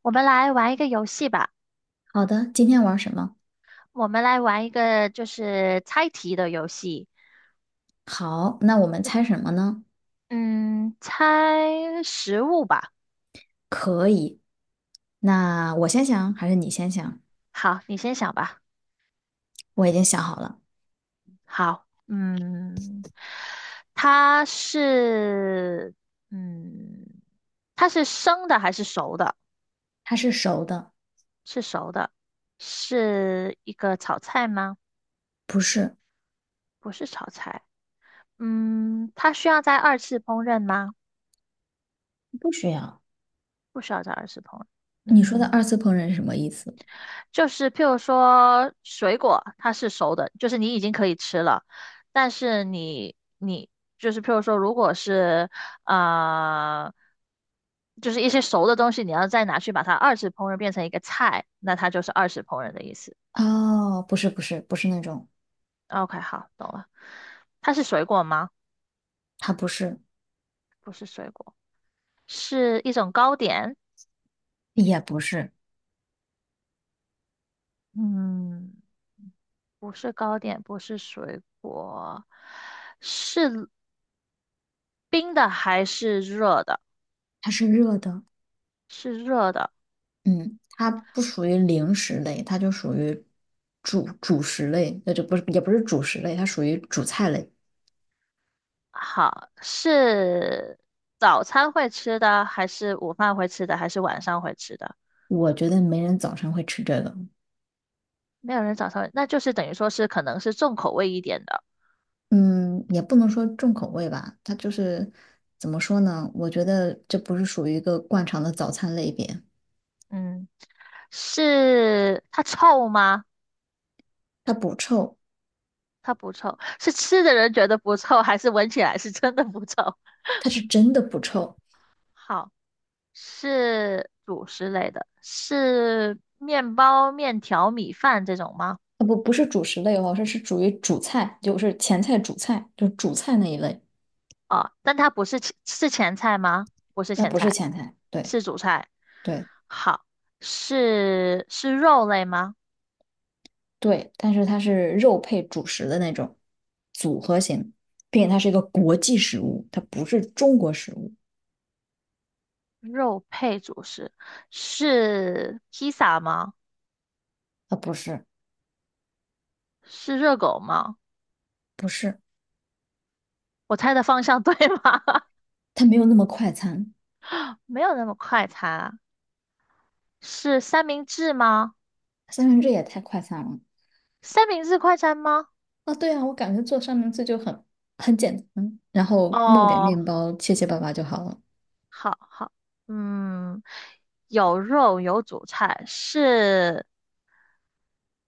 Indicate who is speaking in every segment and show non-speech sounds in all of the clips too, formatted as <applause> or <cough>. Speaker 1: 我们来玩一个游戏吧。
Speaker 2: 好的，今天玩什么？
Speaker 1: 我们来玩一个猜题的游戏，
Speaker 2: 好，那我们猜什么呢？
Speaker 1: 嗯，猜食物吧。
Speaker 2: 可以，那我先想还是你先想？
Speaker 1: 好，你先想吧。
Speaker 2: 我已经想好了，
Speaker 1: 好，它是，嗯，它是生的还是熟的？
Speaker 2: 它是熟的，
Speaker 1: 是熟的，是一个炒菜吗？
Speaker 2: 不是，
Speaker 1: 不是炒菜。它需要在二次烹饪吗？
Speaker 2: 不需要。
Speaker 1: 不需要在二次烹饪。
Speaker 2: 你说的
Speaker 1: 嗯。
Speaker 2: 二次烹饪是什么意思？
Speaker 1: 就是譬如说水果，它是熟的，就是你已经可以吃了，但是你就是譬如说，如果是呃，就是一些熟的东西，你要再拿去把它二次烹饪变成一个菜，那它就是二次烹饪的意思。
Speaker 2: 哦，不是，不是，不是那种，
Speaker 1: OK,好，懂了。它是水果吗？
Speaker 2: 它不是，
Speaker 1: 不是水果，是一种糕点。
Speaker 2: 也不是，
Speaker 1: 嗯，不是糕点，不是水果，是冰的还是热的？
Speaker 2: 它是热的。
Speaker 1: 是热的。
Speaker 2: 嗯，它不属于零食类，它就属于主食类，那就不是，也不是主食类，它属于主菜类。
Speaker 1: 好，是早餐会吃的，还是午饭会吃的，还是晚上会吃的？
Speaker 2: 我觉得没人早晨会吃这个。
Speaker 1: 没有人早上会，那就是等于说是可能是重口味一点的。
Speaker 2: 嗯，也不能说重口味吧，它就是怎么说呢？我觉得这不是属于一个惯常的早餐类别，
Speaker 1: 嗯，是它臭吗？
Speaker 2: 它不臭，
Speaker 1: 它不臭，是吃的人觉得不臭，还是闻起来是真的不臭？
Speaker 2: 它是真的不臭。
Speaker 1: 好，是主食类的，是面包、面条、米饭这种吗？
Speaker 2: 啊不，不是主食类哦，这是属于主菜，就是前菜、主菜，就是主菜那一类，
Speaker 1: 哦，但它不是前是前菜吗？不是
Speaker 2: 那
Speaker 1: 前
Speaker 2: 不是
Speaker 1: 菜，
Speaker 2: 前菜。对
Speaker 1: 是主菜。
Speaker 2: 对
Speaker 1: 好，是肉类吗？
Speaker 2: 对，但是它是肉配主食的那种组合型，并且它是一个国际食物，它不是中国食物，
Speaker 1: 肉配主食，是披萨吗？
Speaker 2: 啊，不是
Speaker 1: 是热狗吗？
Speaker 2: 不是，
Speaker 1: 我猜的方向 <laughs> 对吗？<laughs>
Speaker 2: 它没有那么快餐，
Speaker 1: 没有那么快餐，是三明治吗？
Speaker 2: 三明治也太快餐了。
Speaker 1: 三明治快餐吗？
Speaker 2: 啊，对啊，我感觉做三明治就很很简单，然后弄点
Speaker 1: 哦，
Speaker 2: 面包，切切巴巴就好了。
Speaker 1: 好好，嗯，有肉有主菜，是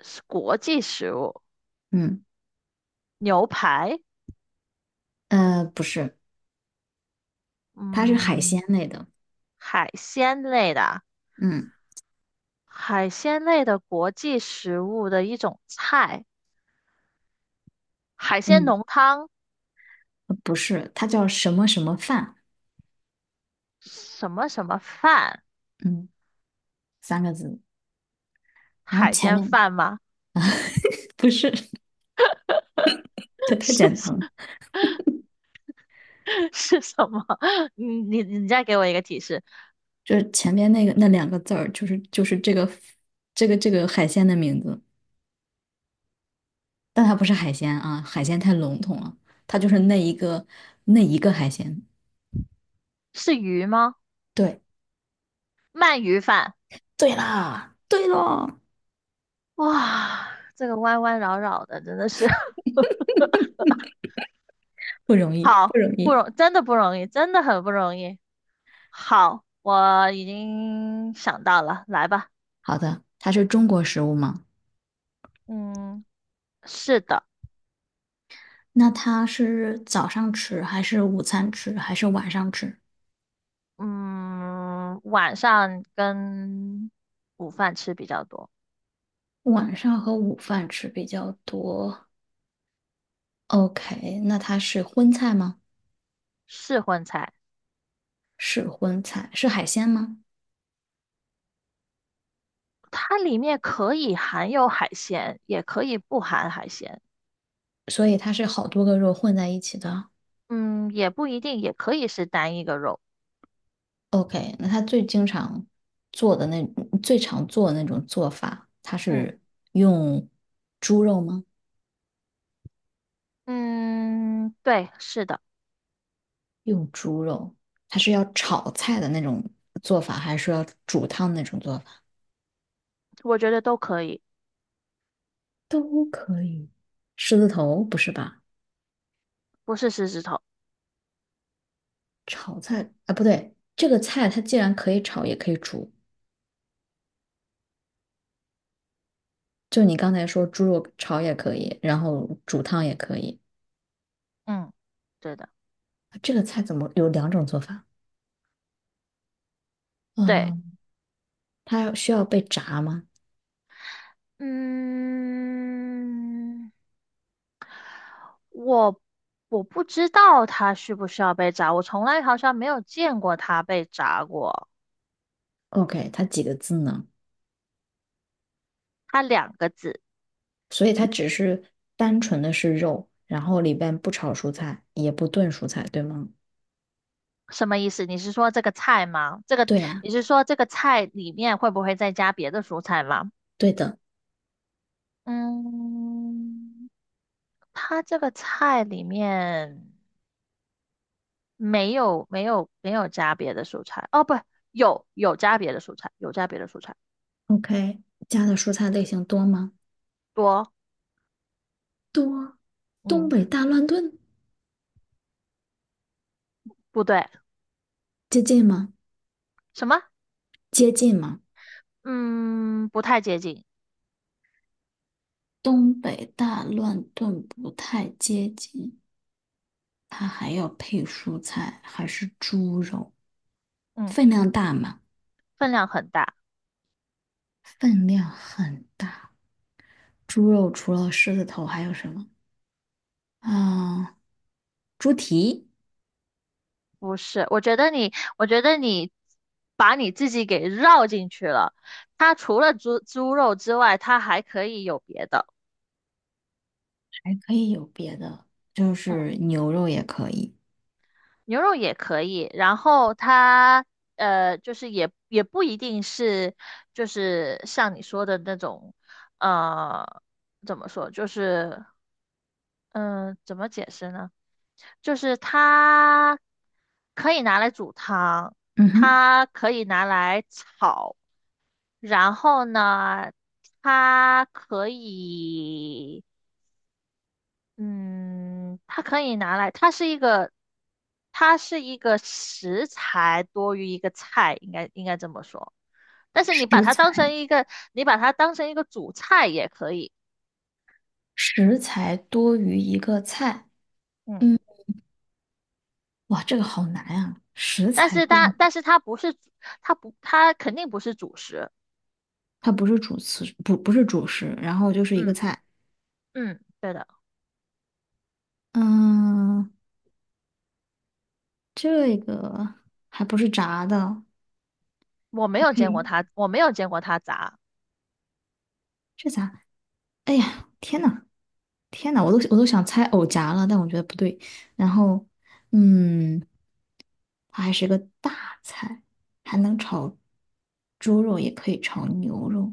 Speaker 1: 是国际食物，
Speaker 2: 嗯，
Speaker 1: 牛排。
Speaker 2: 不是，它是海
Speaker 1: 嗯，
Speaker 2: 鲜类的。
Speaker 1: 海鲜类的，
Speaker 2: 嗯，
Speaker 1: 海鲜类的国际食物的一种菜，海鲜
Speaker 2: 嗯，
Speaker 1: 浓汤，
Speaker 2: 不是，它叫什么什么饭？
Speaker 1: 什么什么饭，
Speaker 2: 嗯，三个字。然后
Speaker 1: 海
Speaker 2: 前
Speaker 1: 鲜
Speaker 2: 面
Speaker 1: 饭吗？
Speaker 2: <laughs> 不是，
Speaker 1: <laughs>
Speaker 2: 这太
Speaker 1: 是
Speaker 2: 简单了，
Speaker 1: 是什么？<laughs> 你再给我一个提示，
Speaker 2: 就是前面那个那两个字儿，就是这个这个海鲜的名字，但它不是海鲜啊，海鲜太笼统了，它就是那一个海鲜。
Speaker 1: 是鱼吗？
Speaker 2: 对，
Speaker 1: 鳗鱼饭。
Speaker 2: 对啦，对了。
Speaker 1: 哇，这个弯弯绕绕的，真的是 <laughs>
Speaker 2: 不容易，
Speaker 1: 好
Speaker 2: 不容
Speaker 1: 不
Speaker 2: 易。
Speaker 1: 容，真的不容易，真的很不容易。好，我已经想到了，来吧。
Speaker 2: 好的，它是中
Speaker 1: 嗯。
Speaker 2: 国食物吗？
Speaker 1: 嗯，是的，
Speaker 2: 那它是早上吃，还是午餐吃，还是晚上吃？
Speaker 1: 嗯，晚上跟午饭吃比较多，
Speaker 2: 晚上和午饭吃比较多。OK，那它是荤菜吗？
Speaker 1: 是荤菜。
Speaker 2: 是荤菜，是海鲜吗？
Speaker 1: 它里面可以含有海鲜，也可以不含海鲜。
Speaker 2: 所以它是好多个肉混在一起的。
Speaker 1: 嗯，也不一定，也可以是单一个肉。
Speaker 2: OK，那它最经常做的那最常做的那种做法，它
Speaker 1: 嗯，
Speaker 2: 是用猪肉吗？
Speaker 1: 嗯，对，是的，
Speaker 2: 用猪肉，它是要炒菜的那种做法，还是要煮汤那种做法？
Speaker 1: 我觉得都可以，
Speaker 2: 都可以。狮子头不是吧？
Speaker 1: 不是狮子头。
Speaker 2: 炒菜啊，不对，这个菜它既然可以炒，也可以煮。就你刚才说猪肉炒也可以，然后煮汤也可以。
Speaker 1: 嗯，对的，
Speaker 2: 这个菜怎么有两种做法？
Speaker 1: 对，
Speaker 2: 嗯，它需要被炸吗
Speaker 1: 嗯，我我不知道它需不需要被炸，我从来好像没有见过它被炸过。
Speaker 2: ？OK，它几个字呢？
Speaker 1: 它两个字，
Speaker 2: 所以它只是单纯的是肉，然后里边不炒蔬菜，也不炖蔬菜，对吗？
Speaker 1: 什么意思？你是说这个菜吗？这个
Speaker 2: 对呀，
Speaker 1: 你是说这个菜里面会不会再加别的蔬菜吗？
Speaker 2: 对的。
Speaker 1: 嗯，它这个菜里面没有加别的蔬菜。哦，不，有加别的蔬菜，有加别的蔬菜
Speaker 2: OK，加的蔬菜类型多吗？
Speaker 1: 多。
Speaker 2: 多。东
Speaker 1: 嗯，
Speaker 2: 北大乱炖
Speaker 1: 不对，
Speaker 2: 接近吗？
Speaker 1: 什么？
Speaker 2: 接近吗？
Speaker 1: 嗯，不太接近。
Speaker 2: 东北大乱炖不太接近，它还要配蔬菜，还是猪肉，
Speaker 1: 嗯，
Speaker 2: 分量大吗？
Speaker 1: 分量很大。
Speaker 2: 分量很大。猪肉除了狮子头还有什么？啊、猪蹄
Speaker 1: 不是，我觉得你把你自己给绕进去了。它除了猪肉之外，它还可以有别的，
Speaker 2: 还可以有别的，就是牛肉也可以。
Speaker 1: 牛肉也可以。然后它就是也不一定是，就是像你说的那种，呃，怎么说，就是嗯、怎么解释呢？就是它可以拿来煮汤，
Speaker 2: 嗯哼，
Speaker 1: 它可以拿来炒。然后呢，它可以，嗯，它可以拿来，它是一个，它是一个食材多于一个菜，应该这么说。但是你把
Speaker 2: 食
Speaker 1: 它当成
Speaker 2: 材
Speaker 1: 一个，你把它当成一个主菜也可以，
Speaker 2: 食材多于一个菜。
Speaker 1: 嗯，
Speaker 2: 嗯。哇，这个好难啊！食
Speaker 1: 但
Speaker 2: 材
Speaker 1: 是它，
Speaker 2: 炖，
Speaker 1: 但是它不是，它不，它肯定不是主食，
Speaker 2: 它不是主食，不是主食，然后就是一个
Speaker 1: 嗯，
Speaker 2: 菜。
Speaker 1: 嗯，对的，
Speaker 2: 嗯，这个还不是炸的，
Speaker 1: 我没
Speaker 2: 还
Speaker 1: 有
Speaker 2: 可
Speaker 1: 见过
Speaker 2: 以，
Speaker 1: 它，我没有见过它炸。
Speaker 2: 这咋？哎呀，天呐，天呐，我都想猜藕夹了，但我觉得不对。然后，嗯，它还是个大菜，还能炒猪肉，也可以炒牛肉，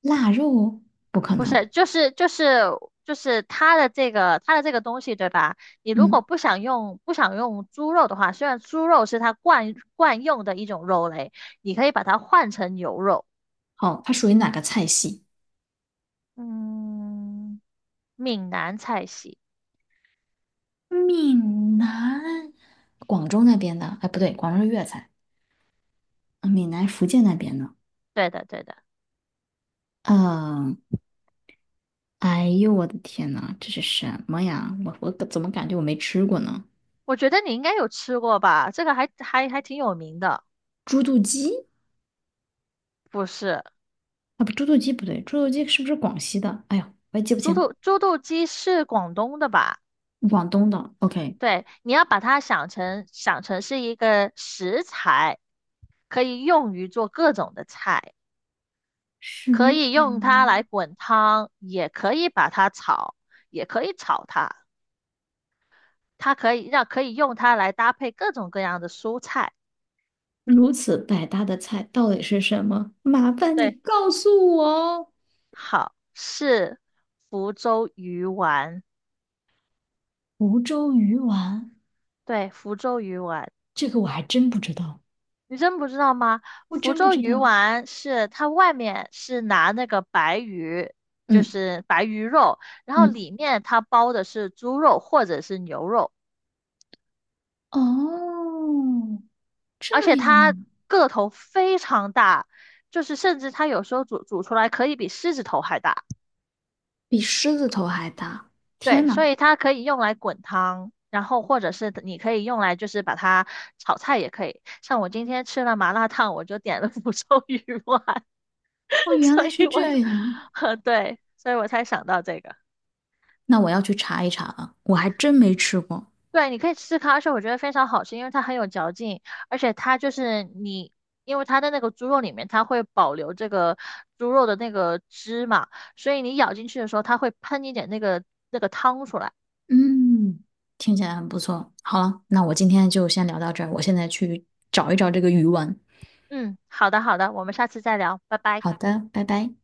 Speaker 2: 腊肉不可
Speaker 1: 不
Speaker 2: 能。
Speaker 1: 是，就是它的这个东西，对吧？你如果
Speaker 2: 嗯，
Speaker 1: 不想用猪肉的话，虽然猪肉是它惯用的一种肉类，你可以把它换成牛肉。
Speaker 2: 好，它属于哪个菜系？
Speaker 1: 嗯，闽南菜系，
Speaker 2: 闽南，广州那边的，哎，不对，广州是粤菜，闽南、福建那边的。
Speaker 1: 对的对的，
Speaker 2: 嗯，哎呦，我的天呐，这是什么呀？我怎么感觉我没吃过呢？
Speaker 1: 我觉得你应该有吃过吧？这个还还挺有名的，
Speaker 2: 猪肚鸡
Speaker 1: 不是？
Speaker 2: 啊，不，猪肚鸡不对，猪肚鸡是不是广西的？哎呦，我也记不清，
Speaker 1: 猪肚鸡是广东的吧？
Speaker 2: 广东的。OK，
Speaker 1: 对，你要把它想成是一个食材，可以用于做各种的菜。
Speaker 2: 十，
Speaker 1: 可以用它来滚汤，也可以把它炒，也可以炒它。可以用它来搭配各种各样的蔬菜。
Speaker 2: 如此百搭的菜到底是什么？麻烦你
Speaker 1: 对，
Speaker 2: 告诉我。
Speaker 1: 好，是福州鱼丸。
Speaker 2: 福州鱼丸，
Speaker 1: 对，福州鱼丸，
Speaker 2: 这个我还真不知道，
Speaker 1: 你真不知道吗？
Speaker 2: 我
Speaker 1: 福
Speaker 2: 真不
Speaker 1: 州
Speaker 2: 知
Speaker 1: 鱼
Speaker 2: 道。
Speaker 1: 丸是它外面是拿那个白鱼，就
Speaker 2: 嗯
Speaker 1: 是白鱼肉，然后
Speaker 2: 嗯。
Speaker 1: 里面它包的是猪肉或者是牛肉。
Speaker 2: 哦，这
Speaker 1: 而且它
Speaker 2: 样
Speaker 1: 个头非常大，就是甚至它有时候煮出来可以比狮子头还大。
Speaker 2: 比狮子头还大！
Speaker 1: 对，
Speaker 2: 天哪，
Speaker 1: 所以它可以用来滚汤，然后或者是你可以用来就是把它炒菜也可以。像我今天吃了麻辣烫，我就点了 <laughs> 福寿鱼丸，
Speaker 2: 哦，
Speaker 1: <laughs>
Speaker 2: 原
Speaker 1: 所
Speaker 2: 来
Speaker 1: 以
Speaker 2: 是
Speaker 1: 我就，
Speaker 2: 这样。
Speaker 1: <laughs> 对，所以我才想到这个。
Speaker 2: 那我要去查一查了，我还真没吃过。
Speaker 1: 对，你可以吃它，而且我觉得非常好吃，因为它很有嚼劲，而且它就是你，因为它的那个猪肉里面，它会保留这个猪肉的那个汁嘛，所以你咬进去的时候，它会喷一点那个汤出来。
Speaker 2: 嗯，听起来很不错。好了，那我今天就先聊到这儿，我现在去找一找这个鱼丸。
Speaker 1: 嗯，好的好的，我们下次再聊，拜拜。
Speaker 2: 好的，拜拜。